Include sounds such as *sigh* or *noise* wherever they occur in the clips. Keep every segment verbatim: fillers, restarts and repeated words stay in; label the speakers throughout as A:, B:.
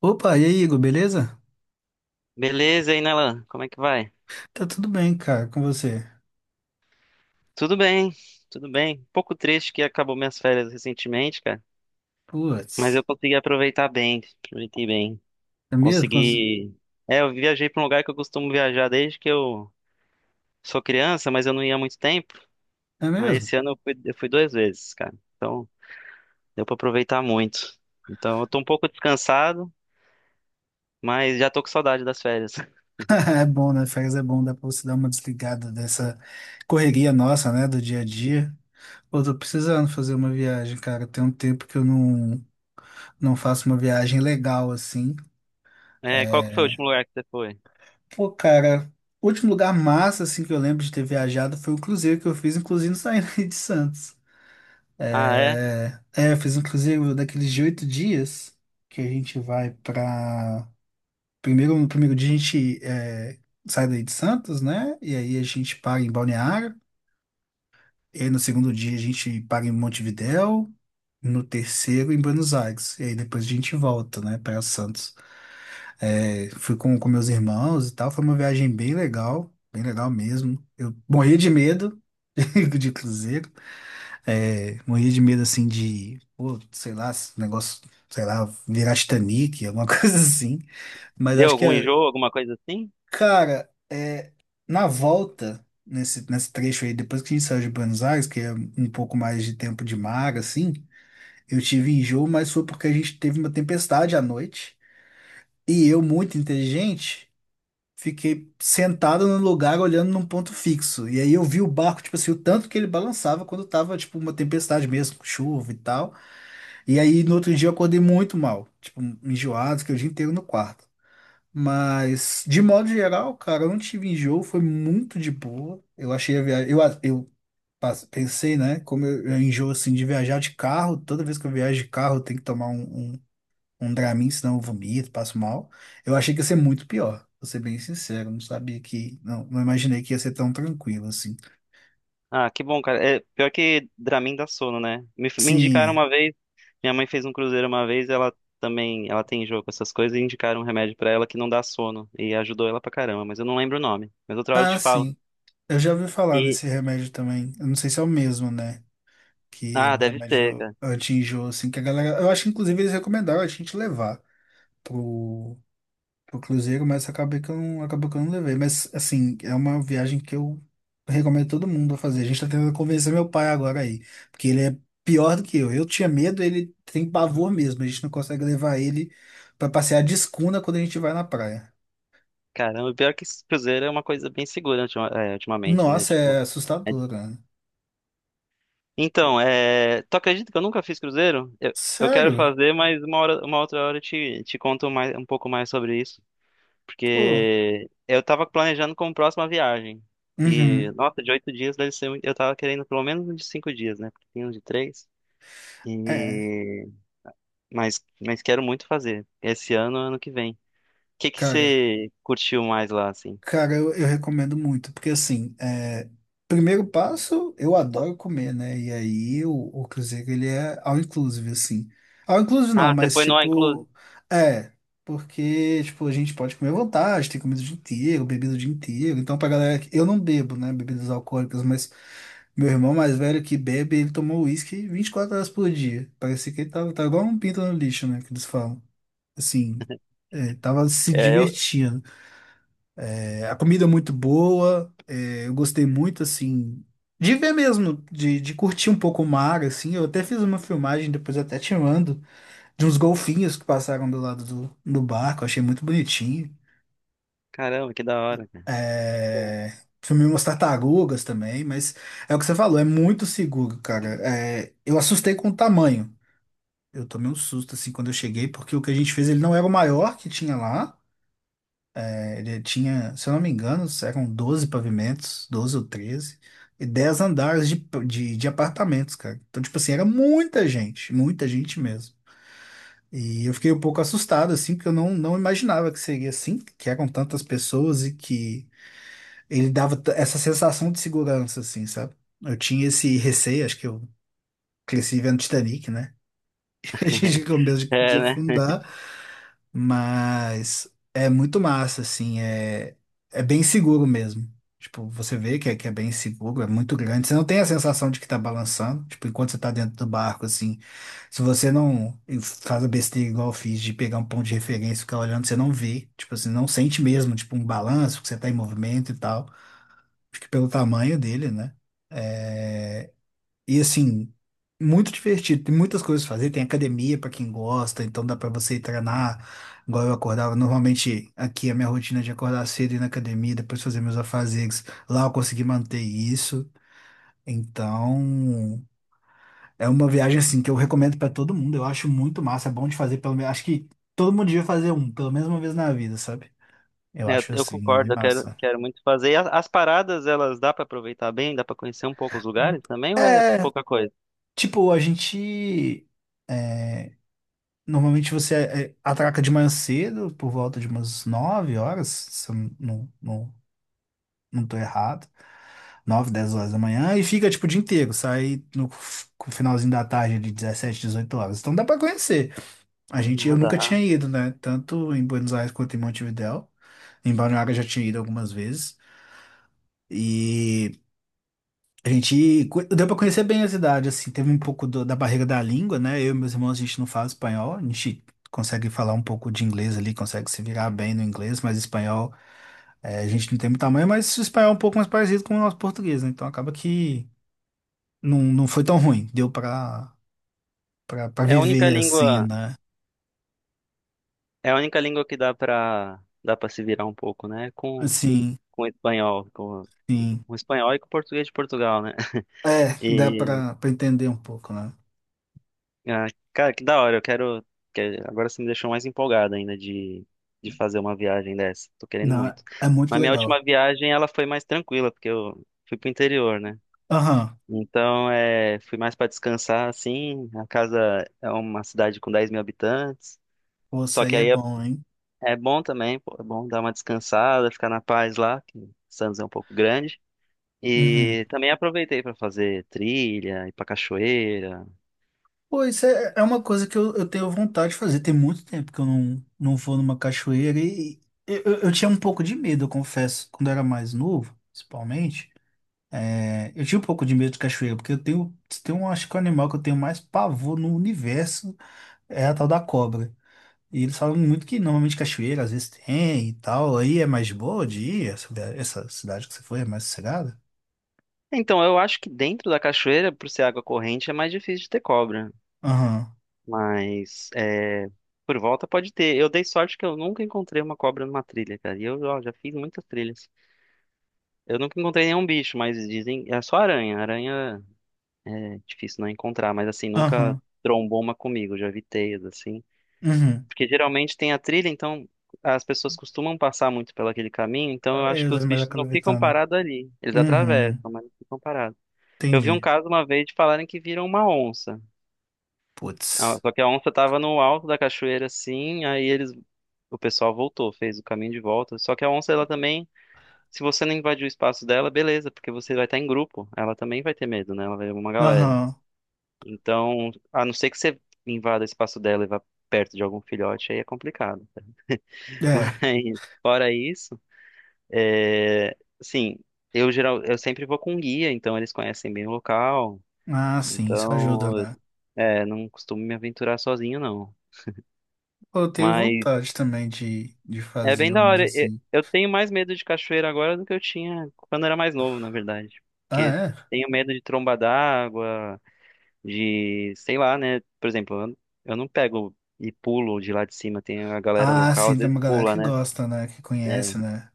A: Opa, e aí, Igor, beleza?
B: Beleza, e aí, Nelan? Como é que vai?
A: Tá tudo bem, cara, com você?
B: Tudo bem, tudo bem. Um pouco triste que acabou minhas férias recentemente, cara, mas
A: Putz,
B: eu consegui aproveitar bem, aproveitei bem.
A: é mesmo? Cons-
B: Consegui. É, eu viajei para um lugar que eu costumo viajar desde que eu sou criança, mas eu não ia há muito tempo.
A: É
B: Aí
A: mesmo?
B: esse ano eu fui, eu fui duas vezes, cara. Então, deu para aproveitar muito. Então, eu tô um pouco descansado, mas já tô com saudade das férias. *laughs*
A: *laughs* É bom, né? Férias é bom, dá pra você dar uma desligada dessa correria nossa, né, do dia a dia. Pô, tô precisando fazer uma viagem, cara. Tem um tempo que eu não, não faço uma viagem legal, assim.
B: É, qual que foi o
A: É.
B: último lugar que você foi?
A: Pô, cara, o último lugar massa, assim, que eu lembro de ter viajado foi o cruzeiro que eu fiz, inclusive saindo *laughs* de Santos.
B: Ah, é?
A: É, é, eu fiz um cruzeiro daqueles de oito dias que a gente vai pra. Primeiro, no primeiro dia a gente é, sai daí de Santos, né? E aí a gente para em Balneário. E aí no segundo dia a gente para em Montevidéu. No terceiro em Buenos Aires. E aí depois a gente volta, né, para Santos. É, fui com, com meus irmãos e tal. Foi uma viagem bem legal, bem legal mesmo. Eu morri de medo *laughs* de cruzeiro. É, morria de medo assim de, pô, sei lá, esse negócio, sei lá, virar Titanic, alguma *laughs* coisa assim. Mas
B: Deu
A: acho que,
B: algum enjoo,
A: é-
B: alguma coisa assim?
A: cara, é, na volta, nesse, nesse trecho aí, depois que a gente saiu de Buenos Aires, que é um pouco mais de tempo de mar, assim, eu tive enjoo, mas foi porque a gente teve uma tempestade à noite. E eu, muito inteligente, fiquei sentado no lugar olhando num ponto fixo. E aí eu vi o barco, tipo assim, o tanto que ele balançava quando tava, tipo, uma tempestade mesmo, com chuva e tal. E aí, no outro dia, eu acordei muito mal, tipo, enjoado, fiquei o dia inteiro no quarto. Mas, de modo geral, cara, eu não tive enjoo, foi muito de boa. Eu achei a viagem. Eu, a- eu pas- pensei, né? Como eu, eu enjoo assim de viajar de carro, toda vez que eu viajo de carro, eu tenho que tomar um, um, um Dramin, senão eu vomito, passo mal. Eu achei que ia ser muito pior, vou ser bem sincero. Não sabia que. Não, não imaginei que ia ser tão tranquilo assim.
B: Ah, que bom, cara. É, pior que Dramin dá sono, né? Me, me indicaram
A: Sim.
B: uma vez, minha mãe fez um cruzeiro uma vez, ela também, ela tem jogo com essas coisas, e indicaram um remédio pra ela que não dá sono, e ajudou ela pra caramba, mas eu não lembro o nome. Mas outra hora eu
A: Ah,
B: te falo.
A: sim. Eu já ouvi falar
B: E,
A: nesse remédio também. Eu não sei se é o mesmo, né? Que é
B: ah,
A: um
B: deve ser,
A: remédio
B: cara.
A: anti-enjoo, assim, que a galera. Eu acho que inclusive eles recomendaram a gente levar pro, pro, Cruzeiro, mas acabei que eu não, acabou que eu não levei. Mas assim, é uma viagem que eu recomendo todo mundo a fazer. A gente tá tentando convencer meu pai agora aí, porque ele é pior do que eu. Eu tinha medo, ele tem pavor mesmo. A gente não consegue levar ele pra passear de escuna quando a gente vai na praia.
B: Caramba, pior que esse cruzeiro é uma coisa bem segura ultima- é, ultimamente, né?
A: Nossa,
B: Tipo,
A: é
B: é-
A: assustador, né?
B: então, é... Tu acredita que eu nunca fiz cruzeiro? Eu, eu quero
A: Sério?
B: fazer, mas uma hora, uma outra hora eu te, te conto mais, um pouco mais sobre isso.
A: Pô.
B: Porque eu tava planejando como próxima viagem. E
A: Uhum.
B: nossa, de oito dias deve ser muito- Eu tava querendo pelo menos um de cinco dias, né? Porque tem um de três.
A: É,
B: E... Mas, mas quero muito fazer. Esse ano, ano que vem. O que que
A: cara.
B: você curtiu mais lá, assim?
A: Cara, eu, eu recomendo muito, porque assim, é, primeiro passo, eu adoro comer, né? E aí o, o, Cruzeiro, ele é all inclusive, assim. All inclusive não,
B: Ah, você
A: mas
B: foi no All Inclusive?
A: tipo, é, porque, tipo, a gente pode comer à vontade, tem comida o dia inteiro, bebida o dia inteiro. Então, pra galera que, eu não bebo, né, bebidas alcoólicas, mas meu irmão mais velho que bebe, ele tomou uísque vinte e quatro horas por dia. Parecia que ele tava, tava, igual um pinto no lixo, né, que eles falam. Assim, é, tava se
B: É, eu...
A: divertindo. É, a comida é muito boa, é, eu gostei muito, assim, de ver mesmo, de, de curtir um pouco o mar, assim. Eu até fiz uma filmagem, depois eu até te mando, de uns golfinhos que passaram do lado do, do barco, achei muito bonitinho.
B: Caramba, que da hora, cara. Bom.
A: É, filmei umas tartarugas também, mas é o que você falou, é muito seguro, cara. É, eu assustei com o tamanho. Eu tomei um susto, assim, quando eu cheguei, porque o que a gente fez, ele não era o maior que tinha lá. Ele tinha, se eu não me engano, eram doze pavimentos, doze ou treze e dez andares de, de, de apartamentos, cara. Então, tipo assim, era muita gente, muita gente mesmo. E eu fiquei um pouco assustado, assim, porque eu não, não imaginava que seria assim, que eram tantas pessoas e que ele dava t- essa sensação de segurança, assim, sabe? Eu tinha esse receio, acho que eu cresci vendo Titanic, né? *laughs* A gente
B: *laughs*
A: com medo de de
B: É, né?
A: afundar. Mas é muito massa, assim, é, é bem seguro mesmo. Tipo, você vê que é, que é bem seguro, é muito grande. Você não tem a sensação de que tá balançando, tipo, enquanto você tá dentro do barco, assim. Se você não faz a besteira igual eu fiz de pegar um ponto de referência e ficar olhando, você não vê. Tipo assim, não sente mesmo, tipo, um balanço, que você tá em movimento e tal. Acho que pelo tamanho dele, né? É, e assim, muito divertido. Tem muitas coisas pra fazer. Tem academia pra quem gosta, então dá pra você ir treinar. Agora eu acordava, normalmente aqui a minha rotina é de acordar cedo e ir na academia, depois fazer meus afazeres. Lá eu consegui manter isso. Então, é uma viagem assim que eu recomendo pra todo mundo. Eu acho muito massa, é bom de fazer pelo menos, acho que todo mundo devia fazer um, pelo menos uma vez na vida, sabe? Eu
B: É, Eu,
A: acho
B: eu
A: assim, bem
B: concordo, eu quero,
A: massa.
B: quero muito fazer. E a- as paradas, elas dá pra aproveitar bem? Dá pra conhecer um pouco os lugares também ou é
A: É,
B: pouca coisa?
A: tipo, a gente normalmente você é, atraca de manhã cedo, por volta de umas nove horas, se eu não, não, não tô errado. Nove, dez horas da manhã, e fica tipo o dia inteiro, sai no f- finalzinho da tarde de dezessete, dezoito horas. Então dá pra conhecer. A gente,
B: Ah,
A: eu
B: dá.
A: nunca tinha ido, né? Tanto em Buenos Aires quanto em Montevidéu. Em Balneário eu já tinha ido algumas vezes. e A gente co- deu pra conhecer bem a cidade, assim, teve um pouco do- da barreira da língua, né? Eu e meus irmãos, a gente não fala espanhol, a gente consegue falar um pouco de inglês ali, consegue se virar bem no inglês, mas espanhol, eh, a gente não tem muito tamanho, mas o espanhol é um pouco mais parecido com o nosso português, né? Então acaba que não, não foi tão ruim, deu pra, pra, pra
B: É a única
A: viver assim,
B: língua.
A: né?
B: É a única língua que dá pra dá para se virar um pouco, né? Com
A: Assim,
B: com o espanhol, com,
A: sim.
B: com o espanhol e com o português de Portugal, né? *laughs*
A: É, dá
B: E
A: pra, pra, entender um pouco, né?
B: ah, cara, que da hora, eu quero, que- agora você me deixou mais empolgado ainda de de fazer uma viagem dessa. Tô querendo
A: Não,
B: muito.
A: é muito
B: Mas minha
A: legal.
B: última viagem ela foi mais tranquila, porque eu fui pro interior, né?
A: Aham.
B: Então, é, fui mais para descansar, assim. A casa é uma cidade com dez mil habitantes.
A: Pô, isso
B: Só que
A: aí é
B: aí
A: bom, hein?
B: É bom também, pô, é bom dar uma descansada, ficar na paz lá, que Santos é um pouco grande.
A: Uhum.
B: E também aproveitei para fazer trilha, ir pra cachoeira.
A: Pô, isso é, é uma coisa que eu, eu tenho vontade de fazer. Tem muito tempo que eu não, não vou numa cachoeira e eu, eu, eu tinha um pouco de medo, eu confesso, quando eu era mais novo, principalmente. É, eu tinha um pouco de medo de cachoeira, porque eu tenho, tem um, acho que o animal que eu tenho mais pavor no universo é a tal da cobra. E eles falam muito que normalmente cachoeira às vezes tem e tal, aí é mais de boa de ir, essa, essa, cidade que você foi é mais sossegada?
B: Então, eu acho que dentro da cachoeira, por ser água corrente, é mais difícil de ter cobra.
A: Aham,
B: Mas é, por volta pode ter. Eu dei sorte que eu nunca encontrei uma cobra numa trilha, cara. E eu ó, já fiz muitas trilhas. Eu nunca encontrei nenhum bicho, mas dizem. É só aranha. Aranha é difícil não encontrar, mas assim, nunca
A: aham,
B: trombou uma comigo. Já vi teias, assim.
A: uhum.
B: Porque geralmente tem a trilha, então as pessoas costumam passar muito pelo aquele caminho, então eu acho
A: É,
B: que os
A: mas
B: bichos
A: acaba
B: não ficam
A: evitando.
B: parados ali. Eles
A: Uhum,
B: atravessam, mas não ficam parados. Eu vi um
A: entendi.
B: caso uma vez de falarem que viram uma onça. Ah,
A: Putz.
B: só que a onça estava no alto da cachoeira assim, aí eles, o pessoal voltou, fez o caminho de volta. Só que a onça, ela também, se você não invadir o espaço dela, beleza, porque você vai estar em grupo. Ela também vai ter medo, né? Ela vai ver uma galera.
A: Aham.
B: Então, a não ser que você invada o espaço dela e vá perto de algum filhote, aí é complicado. *laughs*
A: É.
B: Mas fora isso, é, assim, eu geral, eu sempre vou com guia, então eles conhecem bem o local.
A: Ah, sim, isso ajuda,
B: Então,
A: né?
B: é, não costumo me aventurar sozinho, não.
A: Pô, eu tenho
B: Mas
A: vontade também de, de,
B: é
A: fazer
B: bem da
A: umas
B: hora. E-
A: assim.
B: Eu tenho mais medo de cachoeira agora do que eu tinha quando era mais novo, na verdade.
A: Ah,
B: Porque
A: é?
B: tenho medo de tromba d'água, de, sei lá, né? Por exemplo, eu eu não pego e pulo de lá de cima. Tem a galera
A: Ah,
B: local, às
A: sim, tem
B: vezes
A: uma galera
B: pula,
A: que
B: né?
A: gosta, né? Que conhece, né?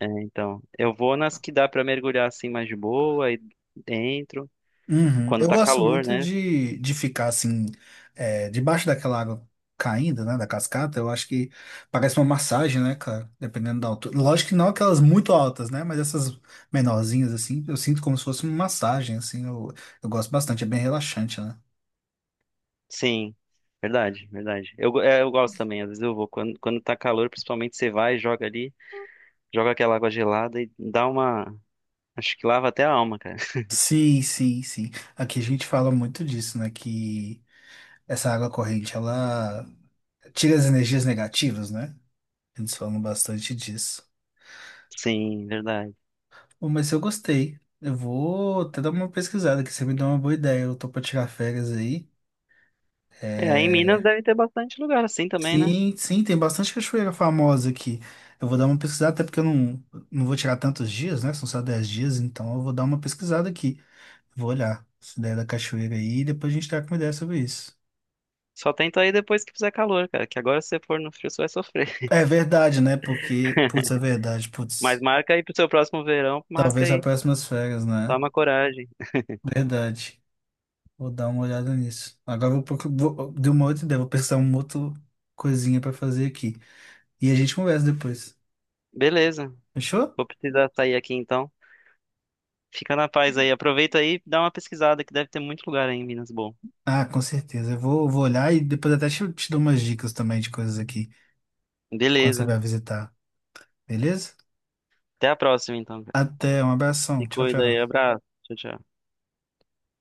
B: É, então, eu vou nas que dá pra mergulhar assim mais de boa, aí entro
A: Uhum.
B: quando
A: Eu
B: tá
A: gosto
B: calor,
A: muito
B: né?
A: de, de ficar assim, é, debaixo daquela água caindo, né? Da cascata. Eu acho que parece uma massagem, né, cara? Dependendo da altura. Lógico que não aquelas muito altas, né? Mas essas menorzinhas, assim, eu sinto como se fosse uma massagem, assim. Eu, eu gosto bastante, é bem relaxante, né?
B: Sim, verdade, verdade. Eu, go- é, eu gosto também, às vezes eu vou. Quando, quando tá calor, principalmente você vai, joga ali, joga aquela água gelada e dá uma. Acho que lava até a alma, cara. *laughs*
A: Sim, sim, sim. Aqui a gente fala muito disso, né? Que essa água corrente, ela tira as energias negativas, né? Eles falam bastante disso.
B: Sim, verdade.
A: Bom, mas eu gostei. Eu vou até dar uma pesquisada aqui, você me deu uma boa ideia. Eu tô pra tirar férias aí.
B: É, aí em Minas
A: É.
B: deve ter bastante lugar assim também, né?
A: Sim, sim, tem bastante cachoeira famosa aqui. Eu vou dar uma pesquisada, até porque eu não, não vou tirar tantos dias, né? São só dez dias, então eu vou dar uma pesquisada aqui. Vou olhar essa ideia da cachoeira aí e depois a gente tá com uma ideia sobre isso.
B: Só tenta aí depois que fizer calor, cara, que agora se você for no frio você vai sofrer.
A: É verdade, né? Porque, putz, é
B: *laughs*
A: verdade,
B: Mas
A: putz.
B: marca aí pro seu próximo verão, marca
A: Talvez para
B: aí.
A: próximas férias, né?
B: Toma coragem.
A: Verdade. Vou dar uma olhada nisso. Agora eu vou, procu- vou deu uma outra ideia, vou pensar uma outra coisinha para fazer aqui. E a gente conversa depois.
B: Beleza,
A: Fechou?
B: vou precisar sair aqui então. Fica na paz aí. Aproveita aí e dá uma pesquisada, que deve ter muito lugar aí em Minas bom.
A: Ah, com certeza. Eu vou, vou olhar e depois até te, te, dou umas dicas também de coisas aqui, pra quando você
B: Beleza.
A: vai visitar. Beleza?
B: Até a próxima, então, cara.
A: Até, um abração.
B: Se
A: Tchau,
B: cuida aí.
A: tchau.
B: Abraço. Tchau, tchau.